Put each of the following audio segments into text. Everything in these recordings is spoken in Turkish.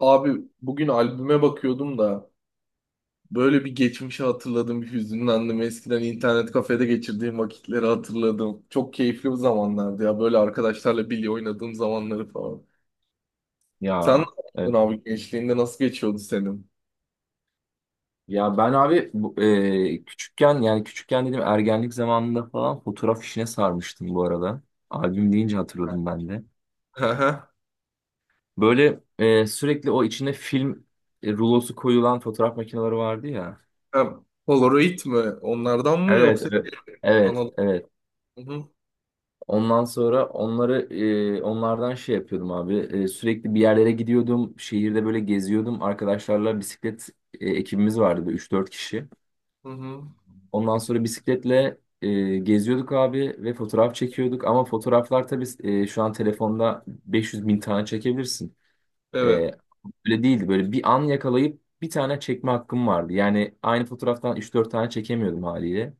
Abi bugün albüme bakıyordum da böyle bir geçmişi hatırladım, bir hüzünlendim. Eskiden internet kafede geçirdiğim vakitleri hatırladım. Çok keyifli bir zamanlardı ya böyle arkadaşlarla bilye oynadığım zamanları falan. Sen ne Ya evet. yaptın abi, gençliğinde nasıl geçiyordu senin? Ya ben abi küçükken yani küçükken dedim ergenlik zamanında falan fotoğraf işine sarmıştım bu arada. Albüm deyince hatırladım ben de. Hı hı. Böyle sürekli o içine film rulosu koyulan fotoğraf makineleri vardı ya. Ha, Polaroid mi? Onlardan mı Evet, yoksa evet. Evet, analog? evet. Hı hı. Ondan sonra onlardan şey yapıyordum abi. Sürekli bir yerlere gidiyordum. Şehirde böyle geziyordum. Arkadaşlarla bisiklet ekibimiz vardı üç dört kişi. Hı hı. Ondan sonra bisikletle geziyorduk abi ve fotoğraf çekiyorduk. Ama fotoğraflar tabii şu an telefonda 500 bin tane çekebilirsin. E, Evet. Öyle değildi. Böyle bir an yakalayıp bir tane çekme hakkım vardı. Yani aynı fotoğraftan üç dört tane çekemiyordum haliyle.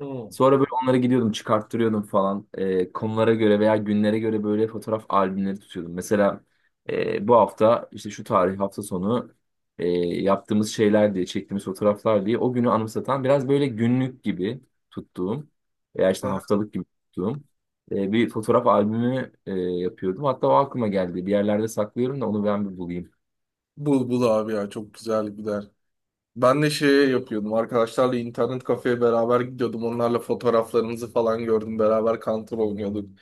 Hı. Sonra böyle onları gidiyordum çıkarttırıyordum falan. Konulara göre veya günlere göre böyle fotoğraf albümleri tutuyordum. Mesela bu hafta işte şu tarih hafta sonu e, yaptığımız şeyler diye çektiğimiz fotoğraflar diye o günü anımsatan biraz böyle günlük gibi tuttuğum veya Hı işte hı. haftalık gibi tuttuğum bir fotoğraf albümü yapıyordum. Hatta o aklıma geldi. Bir yerlerde saklıyorum da onu ben bir bulayım. Bul bul abi ya, çok güzel gider. Ben de şey yapıyordum. Arkadaşlarla internet kafeye beraber gidiyordum. Onlarla fotoğraflarımızı falan gördüm. Beraber Counter oynuyorduk.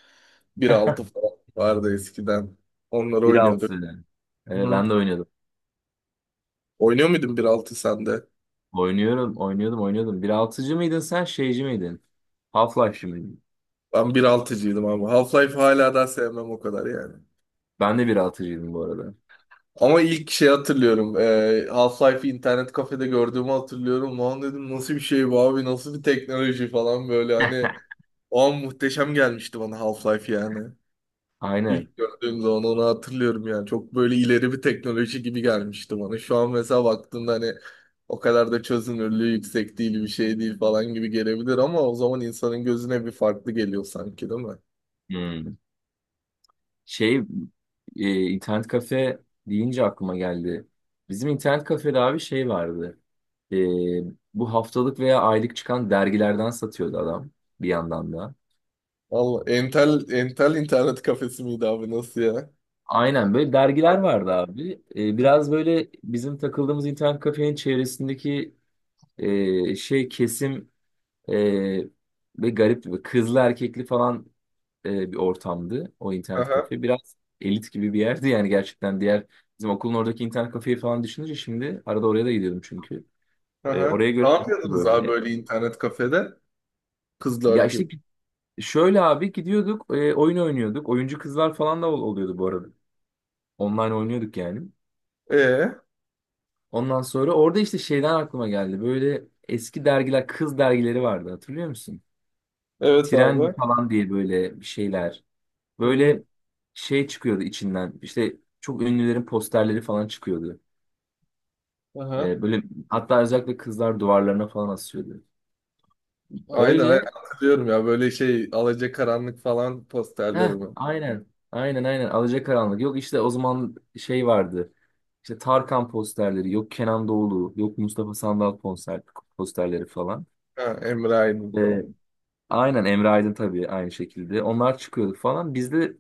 1.6 falan vardı eskiden. Onları 1.6. oynuyorduk. Evet Hı. ben de oynuyordum. Oynuyor muydun 1.6 sen de? Oynuyorum, oynuyordum, oynuyordum. Bir altıcı mıydın sen, şeyci miydin? Half-Life'cı mıydın? Ben bir altıcıydım ama. Half-Life hala daha sevmem o kadar yani. Ben de bir altıcıydım bu arada. Ama ilk şey hatırlıyorum. Half-Life'i internet kafede gördüğümü hatırlıyorum. Lan dedim, nasıl bir şey bu abi? Nasıl bir teknoloji falan böyle hani. O an muhteşem gelmişti bana Half-Life yani. Aynen. İlk gördüğüm zaman onu hatırlıyorum yani. Çok böyle ileri bir teknoloji gibi gelmişti bana. Şu an mesela baktığında hani o kadar da çözünürlüğü yüksek değil, bir şey değil falan gibi gelebilir ama o zaman insanın gözüne bir farklı geliyor sanki, değil mi? Hmm. Şey, internet kafe deyince aklıma geldi. Bizim internet kafede abi şey vardı. E, Bu haftalık veya aylık çıkan dergilerden satıyordu adam bir yandan da. Valla Entel, Entel internet kafesi miydi abi, nasıl ya? Aynen böyle dergiler vardı abi. Biraz böyle bizim takıldığımız internet kafenin çevresindeki şey kesim Ee, ve garipti. Böyle kızlı erkekli falan bir ortamdı o internet Aha, kafe. Biraz elit gibi bir yerdi yani, gerçekten diğer bizim okulun oradaki internet kafeyi falan düşününce, şimdi arada oraya da gidiyordum çünkü. Aha. Oraya göre Ne elit gibi yapıyordunuz abi böyle. böyle internet kafede? Kızlar Ya işte gibi. Şöyle abi gidiyorduk oyun oynuyorduk. Oyuncu kızlar falan da oluyordu bu arada. Online oynuyorduk yani. Ee, Ondan sonra orada işte şeyden aklıma geldi. Böyle eski dergiler, kız dergileri vardı, hatırlıyor musun? evet abi. Trendy falan diye böyle bir şeyler. Hı hı. Böyle şey çıkıyordu içinden. İşte çok ünlülerin posterleri falan çıkıyordu. Aha. Böyle hatta özellikle kızlar duvarlarına falan asıyordu. Aynen aynen Öyle. hatırlıyorum ya, böyle şey Alacakaranlık falan posterleri Heh, mi? aynen. Aynen aynen. Alacakaranlık. Yok işte o zaman şey vardı. İşte Tarkan posterleri, yok Kenan Doğulu, yok Mustafa Sandal konser posterleri falan. Ha, Emre Aydın Ee, falan. aynen Emre Aydın tabii aynı şekilde. Onlar çıkıyordu falan. Bizde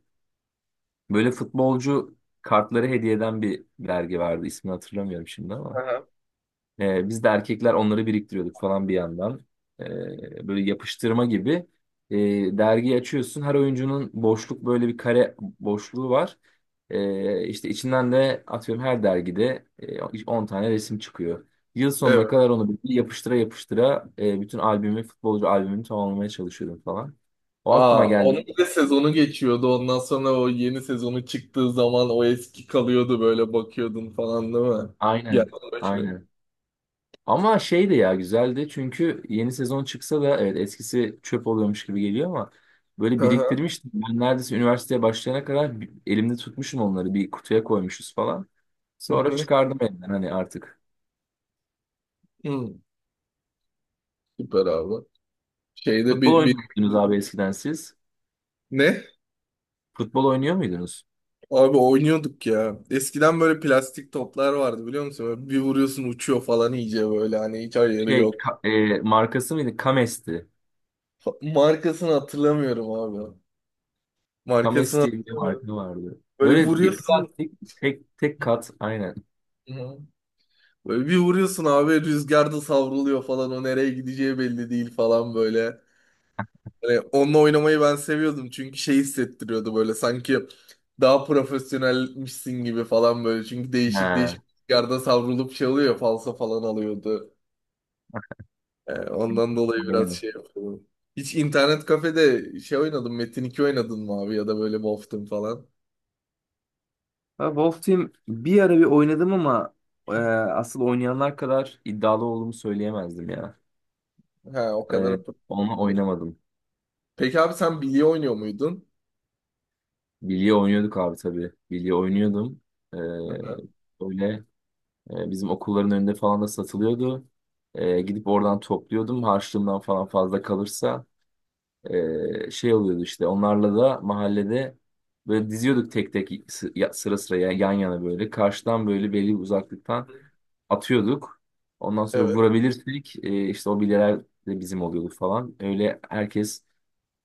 böyle futbolcu kartları hediye eden bir dergi vardı. İsmini hatırlamıyorum şimdi ama. Aha. Biz de erkekler onları biriktiriyorduk falan bir yandan. Böyle yapıştırma gibi. Dergi açıyorsun. Her oyuncunun boşluk böyle bir kare boşluğu var. İşte içinden de atıyorum her dergide 10 tane resim çıkıyor. Yıl sonuna Evet. kadar onu bir yapıştıra yapıştıra bütün albümü, futbolcu albümünü tamamlamaya çalışıyordum falan. O aklıma Aa, geldi. onun bir de sezonu geçiyordu. Ondan sonra o yeni sezonu çıktığı zaman o eski kalıyordu, böyle bakıyordun falan değil mi? Gel Aynen. başlıyor. Aynen. Ama şey de ya güzeldi, çünkü yeni sezon çıksa da evet eskisi çöp oluyormuş gibi geliyor ama böyle Aha. biriktirmiştim. Ben neredeyse üniversiteye başlayana kadar elimde tutmuşum onları, bir kutuya koymuşuz falan. Hı Sonra hı. çıkardım elimden hani artık. Hı. Süper abi. Şeyde Futbol bir oynuyor muydunuz abi eskiden siz? ne? Futbol oynuyor muydunuz? Abi oynuyorduk ya. Eskiden böyle plastik toplar vardı biliyor musun? Böyle bir vuruyorsun uçuyor falan, iyice böyle hani hiç ayarı Şey yok. Markası mıydı? Kames'ti. Markasını hatırlamıyorum abi. Markasını Kames diye bir hatırlamıyorum. marka vardı. Böyle Böyle bir vuruyorsun. plastik tek tek kat aynen. Hı. Böyle bir vuruyorsun abi, rüzgarda savruluyor falan, o nereye gideceği belli değil falan böyle. Hani onunla oynamayı ben seviyordum çünkü şey hissettiriyordu, böyle sanki daha profesyonelmişsin gibi falan böyle. Çünkü değişik değişik Ha, rüzgarda savrulup şey oluyor, falsa falan alıyordu. Ondan dolayı biraz aynen. şey yapıyordum. Hiç internet kafede şey oynadım, Metin 2 oynadın mı abi, ya da böyle Wolf'tun falan. Ha, Wolf Team bir ara bir oynadım ama e, asıl oynayanlar kadar iddialı olduğumu söyleyemezdim ya. Ha, o kadar. E, Onunla oynamadım. Peki abi, sen bilye oynuyor muydun? Bilye oynuyorduk abi tabii. Bilye oynuyordum. E, Öyle bizim okulların önünde falan da satılıyordu. Gidip oradan topluyordum. Harçlığımdan falan fazla kalırsa şey oluyordu işte. Onlarla da mahallede böyle diziyorduk tek tek sıra sıra yan yana böyle. Karşıdan böyle belli bir uzaklıktan atıyorduk. Ondan sonra Evet. vurabilirsek işte o bilyeler de bizim oluyordu falan. Öyle herkes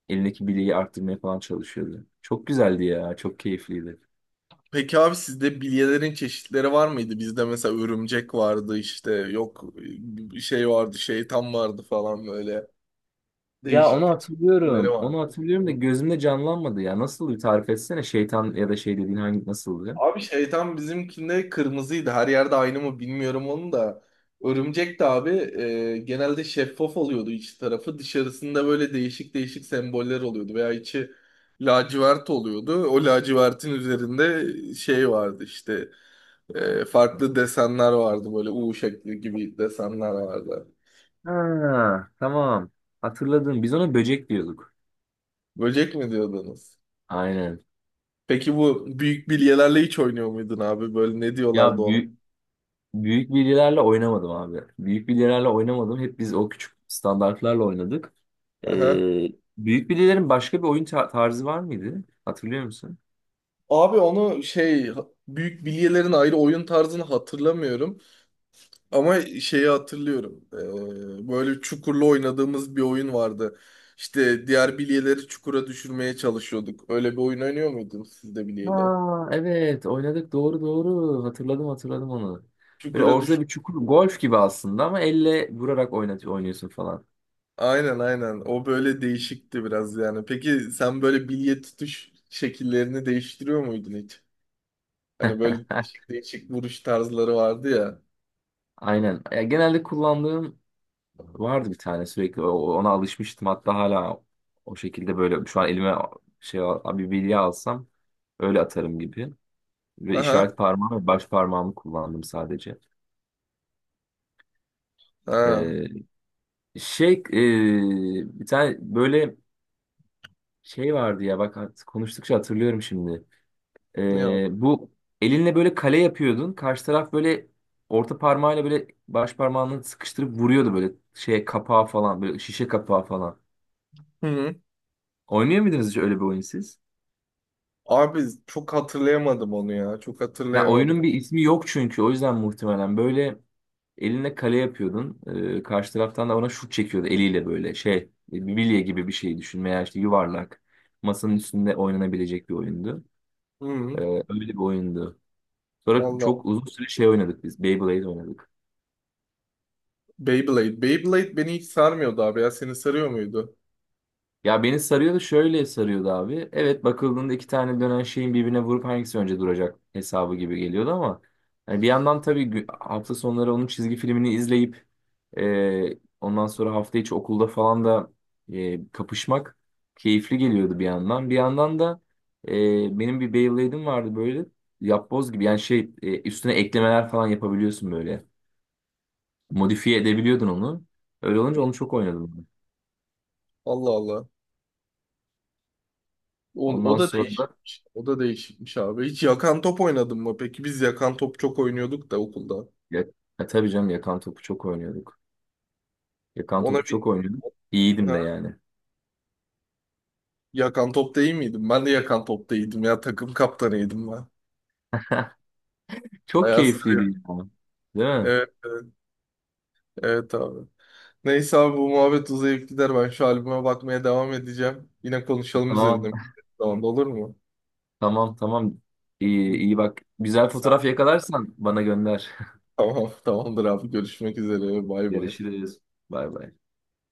elindeki bilyeyi arttırmaya falan çalışıyordu. Çok güzeldi ya, çok keyifliydi. Peki abi, sizde bilyelerin çeşitleri var mıydı? Bizde mesela örümcek vardı, işte yok bir şey vardı, şeytan vardı falan, böyle Ya değişik onu değişik isimleri hatırlıyorum. Onu vardı. hatırlıyorum da Hı. gözümde canlanmadı ya. Nasıl bir tarif etsene, şeytan ya da şey dediğin hangi, nasıldı? Abi şeytan bizimkinde kırmızıydı. Her yerde aynı mı bilmiyorum onu da. Örümcek de abi genelde şeffaf oluyordu iç tarafı. Dışarısında böyle değişik değişik semboller oluyordu veya içi lacivert oluyordu. O lacivertin üzerinde şey vardı işte. Farklı desenler vardı, böyle U şekli gibi desenler vardı. Ha, tamam. Hatırladım. Biz ona böcek diyorduk. Böcek mi diyordunuz? Aynen. Peki bu büyük bilyelerle hiç oynuyor muydun abi? Böyle ne Ya diyorlardı ona? büyük bilyelerle oynamadım abi. Büyük bilyelerle oynamadım. Hep biz o küçük standartlarla oynadık. Aha. Ee, Büyük bilyelerin başka bir oyun tarzı var mıydı? Hatırlıyor musun? Abi onu şey, büyük bilyelerin ayrı oyun tarzını hatırlamıyorum ama şeyi hatırlıyorum. Böyle çukurlu oynadığımız bir oyun vardı. İşte diğer bilyeleri çukura düşürmeye çalışıyorduk. Öyle bir oyun oynuyor muydunuz siz de bilyeyle? Ha, evet oynadık, doğru doğru hatırladım hatırladım onu. Böyle Çukura ortada bir çukur, golf gibi aslında ama elle vurarak oynuyorsun falan. aynen aynen. O böyle değişikti biraz yani. Peki sen böyle bilye tutuş şekillerini değiştiriyor muydun hiç? Hani böyle değişik değişik vuruş tarzları vardı ya. Aynen. Ya, genelde kullandığım vardı bir tane sürekli, ona alışmıştım hatta hala o şekilde. Böyle şu an elime şey bir bilye alsam öyle atarım gibi. Ve Aha. işaret parmağım ve baş parmağımı kullandım sadece. Ha. Ee, Şey bir tane böyle şey vardı ya, bak konuştukça hatırlıyorum şimdi. Ne yap? Bu elinle böyle kale yapıyordun. Karşı taraf böyle orta parmağıyla böyle baş parmağını sıkıştırıp vuruyordu böyle şeye, kapağa falan, böyle şişe kapağı falan. Hı hı. Oynuyor muydunuz hiç öyle bir oyun siz? Abi çok hatırlayamadım onu ya. Çok Ya hatırlayamadım. oyunun bir ismi yok çünkü, o yüzden muhtemelen böyle eline kale yapıyordun. Karşı taraftan da ona şut çekiyordu eliyle böyle şey bir bilye gibi bir şey düşün veya işte yuvarlak, masanın üstünde oynanabilecek bir oyundu. Hı hı. Ee, Öyle bir oyundu. Sonra Allah. çok uzun süre şey oynadık biz. Beyblade oynadık. Beyblade. Beyblade beni hiç sarmıyordu abi ya. Seni sarıyor muydu? Ya beni sarıyordu, şöyle sarıyordu abi. Evet, bakıldığında iki tane dönen şeyin birbirine vurup hangisi önce duracak hesabı gibi geliyordu ama hani bir yandan tabii hafta sonları onun çizgi filmini izleyip ondan sonra hafta içi okulda falan da kapışmak keyifli geliyordu bir yandan. Bir yandan da benim bir Beyblade'im vardı, böyle yapboz gibi yani, şey üstüne eklemeler falan yapabiliyorsun böyle. Modifiye edebiliyordun onu. Öyle olunca Hı. onu çok oynadım. Allah Allah. O, o Ondan da sonra. değişikmiş. O da değişikmiş abi. Hiç yakan top oynadın mı? Peki biz yakan top çok oynuyorduk da okulda. Ya, ya tabii canım, yakan topu çok oynuyorduk. Yakan topu Ona bir... çok oynuyorduk. İyiydim Ha. de yani. Yakan topta iyi miydim? Ben de yakan topta iyiydim ya. Takım kaptanıydım ben. Çok Bayağı keyifliydi sarıyor. ya. Değil mi? Evet, evet, evet abi. Neyse abi, bu muhabbet uzayıp gider. Ben şu albüme bakmaya devam edeceğim. Yine konuşalım Tamam. üzerine. Tamam olur mu? Tamam tamam. İyi, iyi bak. Güzel Sen fotoğraf yakalarsan bana gönder. tamam tamamdır abi. Görüşmek üzere. Bay bay. Görüşürüz. Bay bay.